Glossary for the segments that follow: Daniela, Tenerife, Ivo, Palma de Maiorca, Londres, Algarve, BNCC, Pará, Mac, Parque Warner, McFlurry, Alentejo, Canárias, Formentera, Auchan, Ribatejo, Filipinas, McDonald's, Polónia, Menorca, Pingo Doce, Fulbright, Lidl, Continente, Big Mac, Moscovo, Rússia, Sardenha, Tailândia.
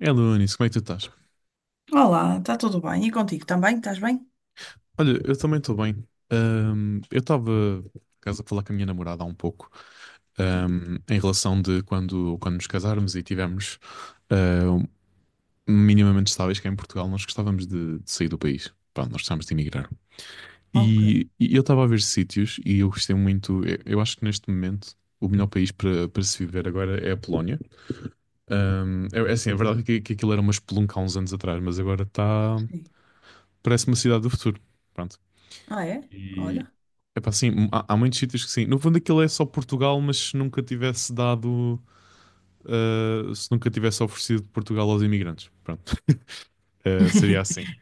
É Anis, como é que tu estás? Olá, está tudo bem? E contigo também? Estás bem? Olha, eu também estou bem. Eu estava, por acaso, a falar com a minha namorada há um pouco, Sim. Em relação de quando nos casarmos e tivermos ah, um- minimamente estáveis cá em Portugal. Nós gostávamos de sair do país. Pronto, nós gostávamos de emigrar. Ok. E eu estava a ver sítios e eu gostei muito. Eu acho que neste momento o melhor país para se viver agora é a Polónia. É assim, a verdade é que aquilo era uma espelunca há uns anos atrás, mas agora está. Sim. Parece uma cidade do futuro. Pronto. Ah, é? E Olha. epá, assim, há muitos sítios que sim. No fundo, aquilo é só Portugal, mas se nunca tivesse dado, se nunca tivesse oferecido Portugal aos imigrantes, pronto, Seria assim.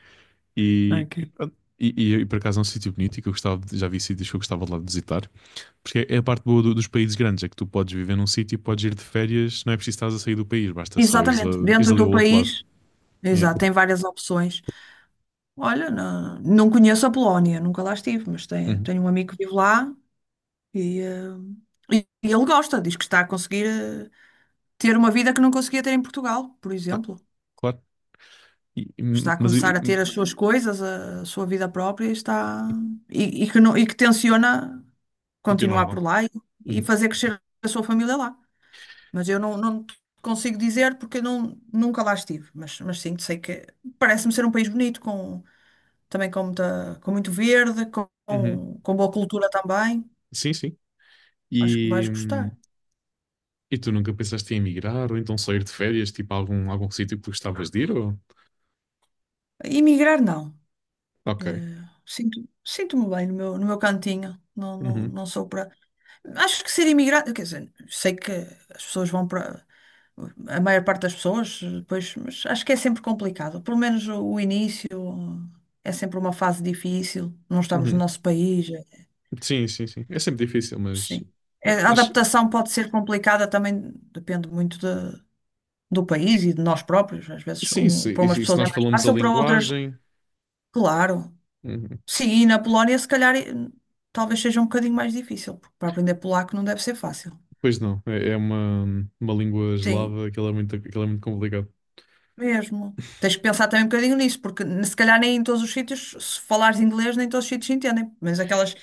E Ok. pronto. E por acaso é um sítio bonito e que eu gostava, já vi sítios que eu gostava de lá de visitar, porque é a parte boa dos países grandes. É que tu podes viver num sítio e podes ir de férias, não é preciso estar a sair do país, basta só ires, Exatamente. ires Dentro ali ao do outro lado. país, Yeah. exato, tem várias opções. Olha, não conheço a Polónia, nunca lá estive, mas tenho, Uhum. tenho um amigo que vive lá e, eh, e ele gosta. Diz que está a conseguir ter uma vida que não conseguia ter em Portugal, por Ah, exemplo. claro. E- e- Está a mas começar e- a ter e- as suas coisas, a sua vida própria e está e que não, e que tenciona continuar continuar por lá. lá e Uhum. fazer crescer a sua família lá. Mas eu não te consigo dizer porque eu não, nunca lá estive. Mas sim, sei que parece-me ser um país bonito, com muito verde, com, Uhum. com boa cultura também. Sim, sim. Acho que vais E, gostar. hum, E tu nunca pensaste em emigrar ou então sair de férias, tipo a algum sítio que gostavas de ir? Ou... Emigrar, não. Ok. Sinto-me bem no meu cantinho. Não, não, Uhum, não sou para. Acho que ser imigrante, quer dizer, sei que as pessoas vão para a maior parte das pessoas, pois, mas acho que é sempre complicado. Pelo menos o início é sempre uma fase difícil. Não estamos no uhum. nosso país, Sim, sim, sim. É sempre difícil, mas sim. É, A acho adaptação pode ser complicada também, depende muito do país e de nós próprios. Às vezes, sim, se, para e umas se e se pessoas é nós mais falamos a fácil, para outras, linguagem, claro. uhum. Sim, e na Polónia, se calhar, talvez seja um bocadinho mais difícil, porque para aprender polaco não deve ser fácil. Pois não, é uma língua Sim, eslava, aquilo é muito complicado. mesmo. Tens que pensar também um bocadinho nisso, porque se calhar nem em todos os sítios, se falares inglês, nem em todos os sítios entendem. Mas aquelas,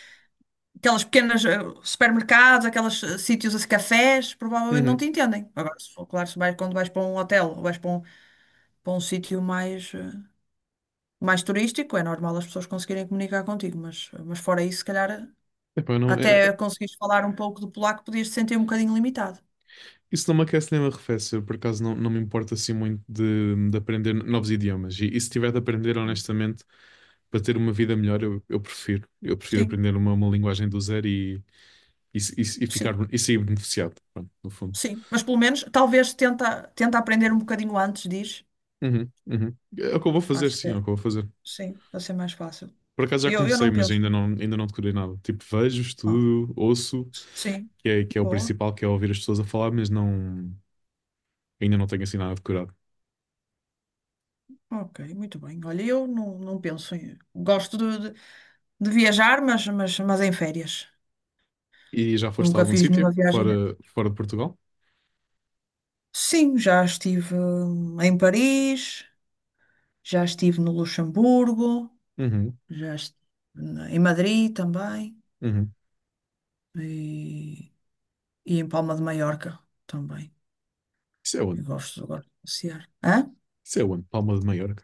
aquelas pequenas supermercados, aqueles sítios, assim, cafés, provavelmente não Uhum. te entendem. Agora, se for, claro, se vais, quando vais para um hotel ou vais para um sítio mais, mais turístico, é normal as pessoas conseguirem comunicar contigo, mas fora isso, se calhar Epá, não, até conseguires falar um pouco do polaco, podias te sentir um bocadinho limitado. isso não me aquece nem me arrefece. Eu, por acaso não me importa assim muito de aprender novos idiomas. E se tiver de aprender, honestamente, para ter uma vida melhor, eu prefiro. Eu prefiro Sim, aprender uma linguagem do zero e ficar, sim, e sair beneficiado, pronto, no fundo. sim. Mas pelo menos, talvez tenta aprender um bocadinho antes, diz. Uhum, uhum. É o que eu vou fazer, Acho que. sim, é o É que eu vou fazer. Sim, vai ser mais fácil. Por acaso já Eu comecei, não mas penso. ainda não decorei nada. Tipo, vejo, Ah, estudo, ouço, sim, que é o boa. principal, que é ouvir as pessoas a falar, mas não, ainda não tenho assim nada decorado. Ok, muito bem. Olha, eu não penso em. Gosto de viajar, mas em férias. E já foste a Nunca algum fiz nenhuma sítio, viagem. fora de Portugal? Sim, já estive em Paris, já estive no Luxemburgo, Uhum, já estive em Madrid também uhum. e, e em Palma de Maiorca também. Isso é onde? Eu gosto de passear. Hã? Isso é onde? Palma de Maiorca.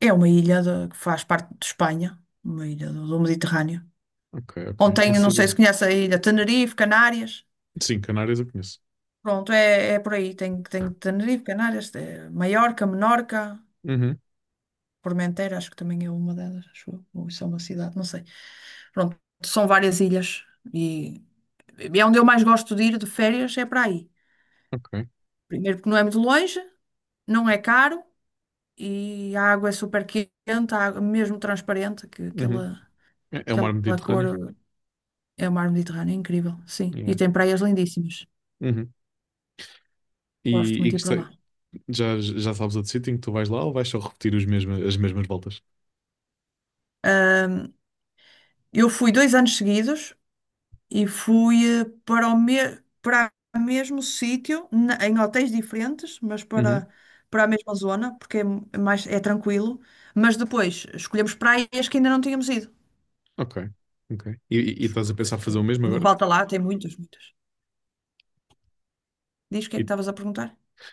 É uma ilha que faz parte de Espanha, uma ilha do Mediterrâneo. Ok, ok. Não Ontem, não sei sabia. se conhece a ilha, Tenerife, Canárias. Sim, Canárias eu conheço. Pronto, é por aí. Tem Tenerife, Canárias, Maiorca, Menorca, Uhum, Formentera, acho que também é uma delas, acho eu. Ou isso é uma cidade, não sei. Pronto, são várias ilhas. E e é onde eu mais gosto de ir de férias, é para aí. ok. Primeiro porque não é muito longe, não é caro e a água é super quente, a água mesmo transparente, que Uhum. aquela, É o mar aquela Mediterrâneo. cor é o mar Mediterrâneo, é incrível, sim. Yeah. E tem praias lindíssimas. Uhum. Gosto E, muito e de ir para gostei- lá. Já, já sabes outro sítio em que tu vais lá ou vais só repetir as mesmas voltas? Eu fui 2 anos seguidos e fui para o mesmo sítio, em hotéis diferentes, mas Uhum. para, para a mesma zona, porque é mais tranquilo. Mas depois escolhemos praias que ainda não tínhamos ido, Ok, ok. E estás a porque pensar fazer aquilo o mesmo que não agora? falta lá, tem muitas, muitas. Diz o que é E que estavas a perguntar?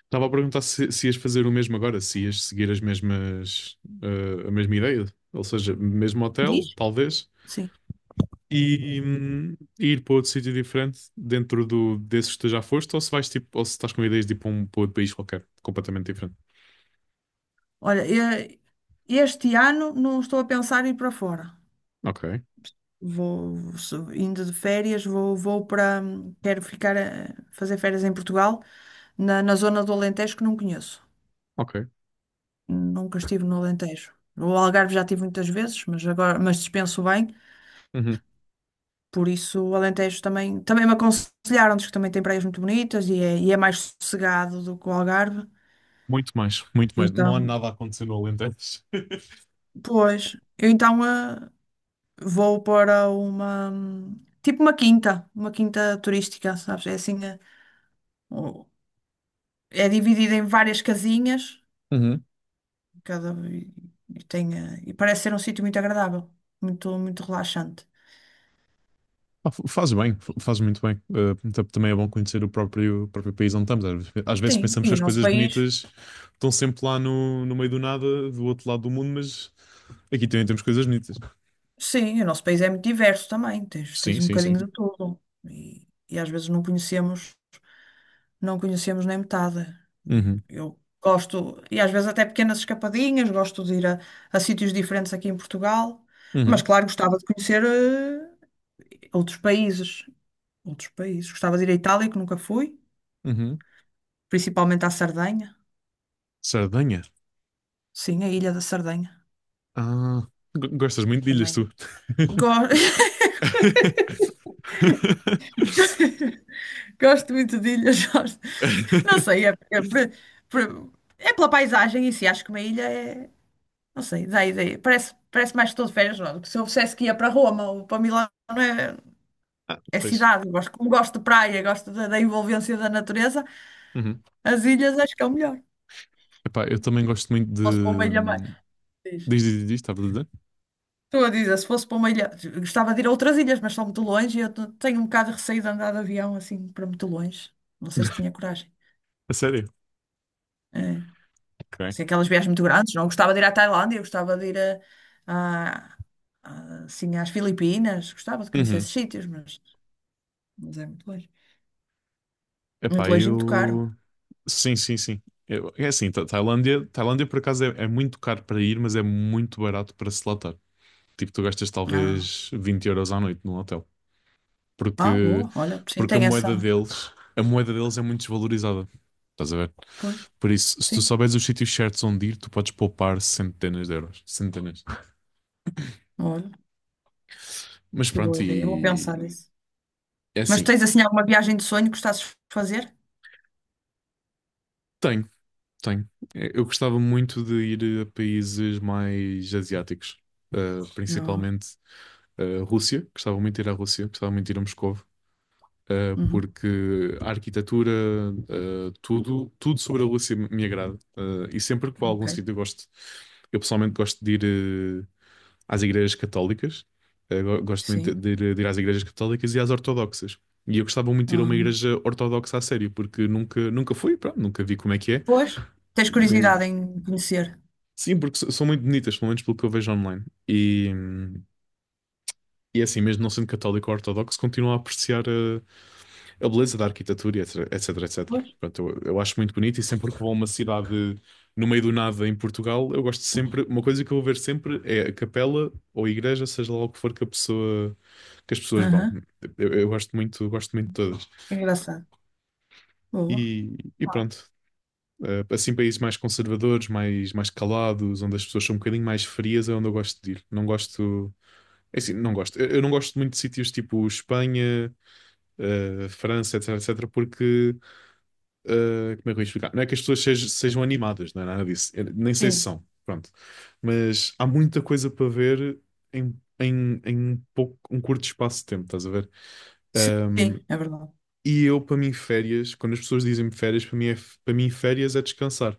estava a perguntar se, Sim. se ias fazer o mesmo agora, se ias seguir a mesma ideia, ou seja, mesmo hotel, Diz? talvez, Sim. e, hum, e ir para outro sítio diferente dentro desses que tu já foste, ou se vais tipo, ou se estás com ideias de ir para outro país qualquer, completamente diferente. Olha, eh, este ano não estou a pensar em ir para fora. Ok, Vou indo de férias, vou, vou para. Quero ficar a fazer férias em Portugal. Na zona do Alentejo que não conheço. ok. Nunca estive no Alentejo. O Algarve já estive muitas vezes, mas dispenso bem. Uhum. Por isso, o Alentejo também me aconselharam, diz que também tem praias muito bonitas e é mais sossegado do que o Algarve. Muito mais, muito mais. Não há Então, nada a acontecer no Alentejo. pois, eu então vou para tipo uma quinta turística, sabes? É assim, o- é dividida em várias casinhas, Uhum. cada, e tem, eh, e parece ser um sítio muito agradável, muito, muito relaxante. Ah, faz bem, faz muito bem. Também é bom conhecer o próprio país onde estamos. Às vezes Sim, pensamos que as coisas bonitas estão sempre lá no meio do nada, do outro lado do mundo, mas aqui também temos coisas bonitas. O nosso país é muito diverso também, tens, Sim, tens um sim, bocadinho sim. de tudo. E às vezes não conhecemos, não conhecemos nem metade. E Uhum, eu gosto, e às vezes até pequenas escapadinhas, gosto de ir a sítios diferentes aqui em Portugal, mas uhum, claro, gostava de conhecer outros países, outros países. Gostava de ir à Itália, que nunca fui, uhum. principalmente à Sardenha. Sardenha. Sim, a Ilha da Sardenha Ah, gostas muito de ilhas, também. tu. Go- Gosto muito de ilhas. Não sei, por- é pela paisagem em si, acho que uma ilha é. Não sei, dá ideia. Parece mais que estou de férias, não. Se eu dissesse que ia para Roma ou para Milão, é, Ah, é pois. cidade. Eu gosto, como gosto de praia, gosto da envolvência da natureza, Uhum. as ilhas acho que é o melhor. Se Epá, eu também gosto muito de. fosse para uma ilha mais. Diz. Diz, diz, diz, estava a dizer? Estou a dizer, se fosse para uma ilha. Gostava de ir a outras ilhas, mas são muito longe e eu tenho um bocado de receio de andar de avião assim para muito longe. Não sei se tinha coragem. A sério? É. Ok. Assim, aquelas viagens muito grandes, não? Eu gostava de ir à Tailândia, eu gostava de ir a- assim, às Filipinas, gostava de conhecer Uhum. esses sítios, mas é muito longe. Muito Epá, longe e muito caro. eu. Sim, sim, sim. É assim. Tailândia, Tailândia por acaso é muito caro para ir, mas é muito barato para se lá estar. Tipo, tu gastas Ah, talvez 20 euros à noite num hotel. ah, Porque, boa, olha, sim, porque tem essa. A moeda deles é muito desvalorizada. Estás a ver? Pois, Por isso, se tu sim, souberes os sítios certos onde ir, tu podes poupar centenas de euros. Centenas. olha, Mas que boa pronto, ideia, eu vou pensar e nisso. é Mas assim, tens assim alguma viagem de sonho que gostasses de fazer? tenho, tenho. Eu gostava muito de ir a países mais asiáticos, Não, principalmente. A Rússia, gostava muito de ir à Rússia, gostava muito de ir a Moscovo, uhum, porque a arquitetura, tudo, tudo sobre a Rússia me agrada. E sempre que vou a algum ok, sítio eu pessoalmente gosto de ir às igrejas católicas. Gosto muito sim. De ir às igrejas católicas e às ortodoxas. E eu gostava muito de ir a uma Ah, igreja ortodoxa a sério, porque nunca, nunca fui, pronto, nunca vi como é que é. pois, tens Mesmo. curiosidade em conhecer? Sim, porque são muito bonitas, pelo menos pelo que eu vejo online. E, hum, e é assim, mesmo não sendo católico ou ortodoxo, continuo a apreciar a beleza da arquitetura, e etc, etc, etc. Pois, Portanto, eu acho muito bonito e sempre que vou a uma cidade no meio do nada em Portugal, eu gosto sempre, uma coisa que eu vou ver sempre é a capela ou a igreja, seja lá o que for que as pessoas vão. aham, Eu gosto muito de todas. é engraçado. Boa, E pronto. Assim, países mais conservadores, mais, mais calados, onde as pessoas são um bocadinho mais frias, é onde eu gosto de ir. Não gosto. É assim, não gosto. Eu não gosto muito de sítios tipo Espanha, França, etc, etc, porque como é que eu ia explicar? Não é que as pessoas sejam animadas, não é nada disso. Eu nem sei se sim, são, pronto. Mas há muita coisa para ver em um pouco, um curto espaço de tempo, estás a ver? Um, sim, é verdade. e eu, para mim, férias, quando as pessoas dizem-me férias, para mim, férias é descansar.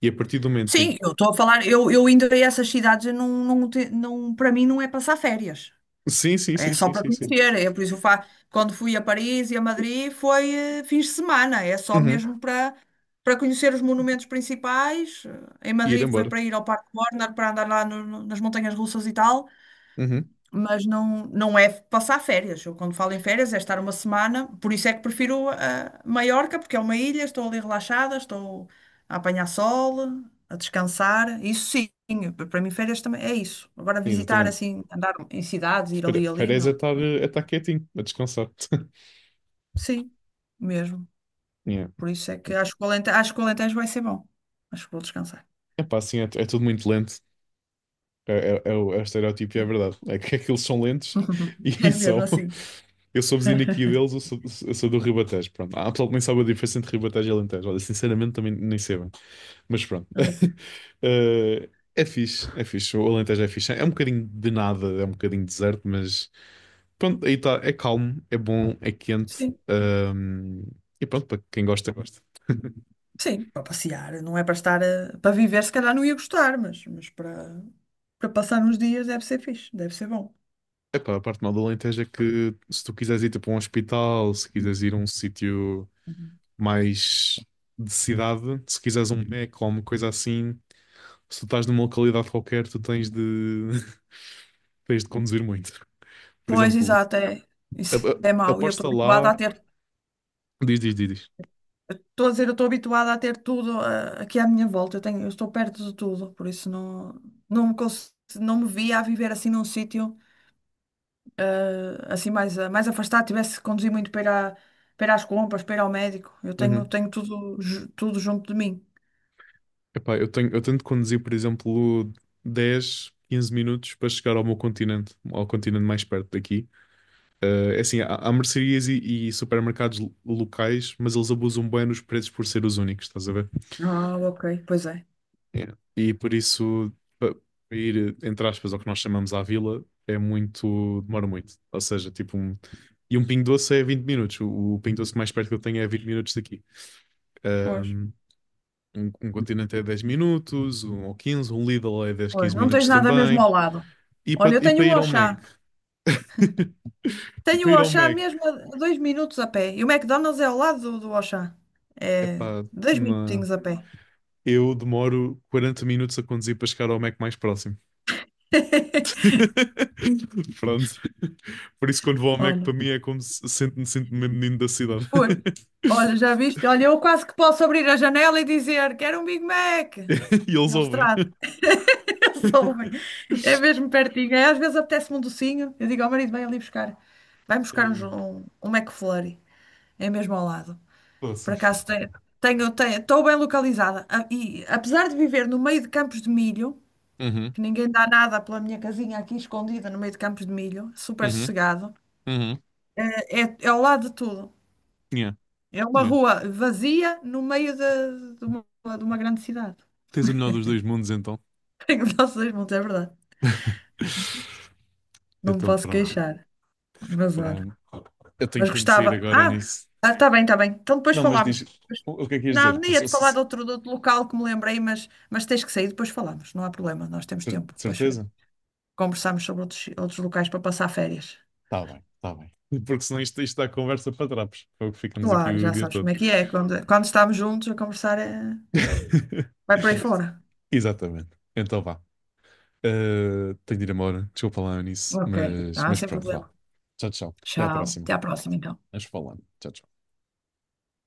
E a partir do momento em... Sim, eu estou a falar, eu indo a essas cidades, eu não, para mim não é passar férias, Sim, sim, é sim, só sim, para sim, sim. conhecer, é por isso eu quando fui a Paris e a Madrid foi fins de semana, é só Uhum. mesmo para conhecer os monumentos principais, em E ir Madrid foi embora. para ir ao Parque Warner, para andar lá nas montanhas russas e tal, Uhum. mas não é passar férias. Eu, quando falo em férias, é estar uma semana. Por isso é que prefiro a Maiorca, porque é uma ilha, estou ali relaxada, estou a apanhar sol, a descansar. Isso sim, para mim férias também é isso. Agora Sim, visitar exatamente. assim, andar em cidades, ir ali Fer- e ali, Férias não. É estar quietinho, a descansar. Sim, mesmo. Yeah. Por isso é que acho que o Alentejo vai ser bom. Acho que vou descansar. Epá, assim, é tudo muito lento. É o estereótipo e é Sim. verdade. É que aqueles são lentos É e mesmo são. assim. Eu sou vizinho aqui deles, eu sou do Ribatejo. Pronto. Há pessoal que nem sabe a diferença entre Ribatejo e Alentejo. Olha, sinceramente também nem sei bem. Mas pronto. Ok. Eh, é fixe, é fixe. O Alentejo é fixe. É um bocadinho de nada, é um bocadinho deserto, mas pronto, aí está. É calmo, é bom, é quente. Sim. E pronto, para quem gosta, gosta. Sim, para passear, não é para estar para viver, se calhar não ia gostar, mas para, para passar uns dias deve ser fixe, deve ser bom. Epá, a parte mal do Alentejo é que se tu quiseres ir para um hospital, se quiseres ir a um sítio Uhum. mais de cidade, se quiseres um Mac ou uma coisa assim, se tu estás numa localidade qualquer, tu tens de, tens de conduzir muito. Por Pois, exemplo, exato, é, isso é mau. Aposta lá. Diz, diz, diz, diz. Eu estou habituada a ter tudo aqui à minha volta. Eu estou perto de tudo, por isso não me via a viver assim num sítio mais afastado, tivesse que conduzir muito para ir, para ir às compras, para ir ao médico. Eu tenho, Uhum. tenho tudo junto de mim. Epá, eu tenho de conduzir, por exemplo, 10, 15 minutos para chegar ao meu continente, ao continente mais perto daqui. É assim, há mercearias e supermercados locais, mas eles abusam bem nos preços por ser os únicos, estás a ver? Ah, ok, pois é. Yeah. E por isso, pa- para ir, entre aspas, ao que nós chamamos à vila, demora muito. Ou seja, tipo um. E um Pingo Doce é 20 minutos. O Pingo Doce mais perto que eu tenho é 20 minutos daqui. Pois. Um, um Continente é 10 minutos, um ou 15 um Lidl é 10 Pois, 15 não minutos tens nada mesmo também. ao lado. E Olha, para eu tenho o ir ao Mac? Auchan. Tenho Para o ir ao Auchan Mac, mesmo a 2 minutos a pé. E o McDonald's é ao lado do Auchan. É epá, dois não. minutinhos a pé. Eu demoro 40 minutos a conduzir para chegar ao Mac mais próximo. Pronto. Por isso, quando vou ao Mac, para Olha, mim é como se sinto mesmo menino da cidade. pois. Olha, já viste? Olha, eu quase que posso abrir a janela e dizer quero um Big Mac. E eles Eles ouvem. trazem, eles ouvem. É mesmo pertinho. É, às vezes apetece-me um docinho. Eu digo ao marido, vai ali buscar. Vai buscar uns- E- um, um McFlurry. É mesmo ao lado. Poça. Por acaso estou bem localizada. E apesar de viver no meio de campos de milho, Uhum, que ninguém dá nada pela minha casinha aqui escondida no meio de campos de milho, super uhum, sossegado, uhum. é ao lado de tudo. Yeah, É uma yeah. rua vazia no meio de uma grande cidade. Tens o melhor dos dois mundos, então. Tenho os nossos montes, é verdade. Não me Então, posso pronto. queixar. Mas olha. Bem, eu tenho, Mas tenho de sair gostava. agora Ah, nisso. está bem, está bem. Então depois Não, mas diz, falamos. o que é que ias Não, dizer? nem Passou- ia-te falar cer- de outro local que me lembrei, mas tens que sair, depois falamos. Não há problema, nós temos cer- tempo. Depois certeza? conversámos sobre outros locais para passar férias. Está bem, está bem. Porque senão isto, isto dá conversa para trapos. É o que ficamos aqui Claro, o já dia sabes todo. como é que é. Quando estamos juntos a conversar, é... vai por aí fora. Exatamente. Então vá. Tenho de ir embora. Desculpa lá nisso. Ok. Mas, Ah, mas sem pronto, vá. problema. Tchau, tchau. Até à Tchau. próxima. Até à próxima, então. Vamos falando. Tchau, tchau.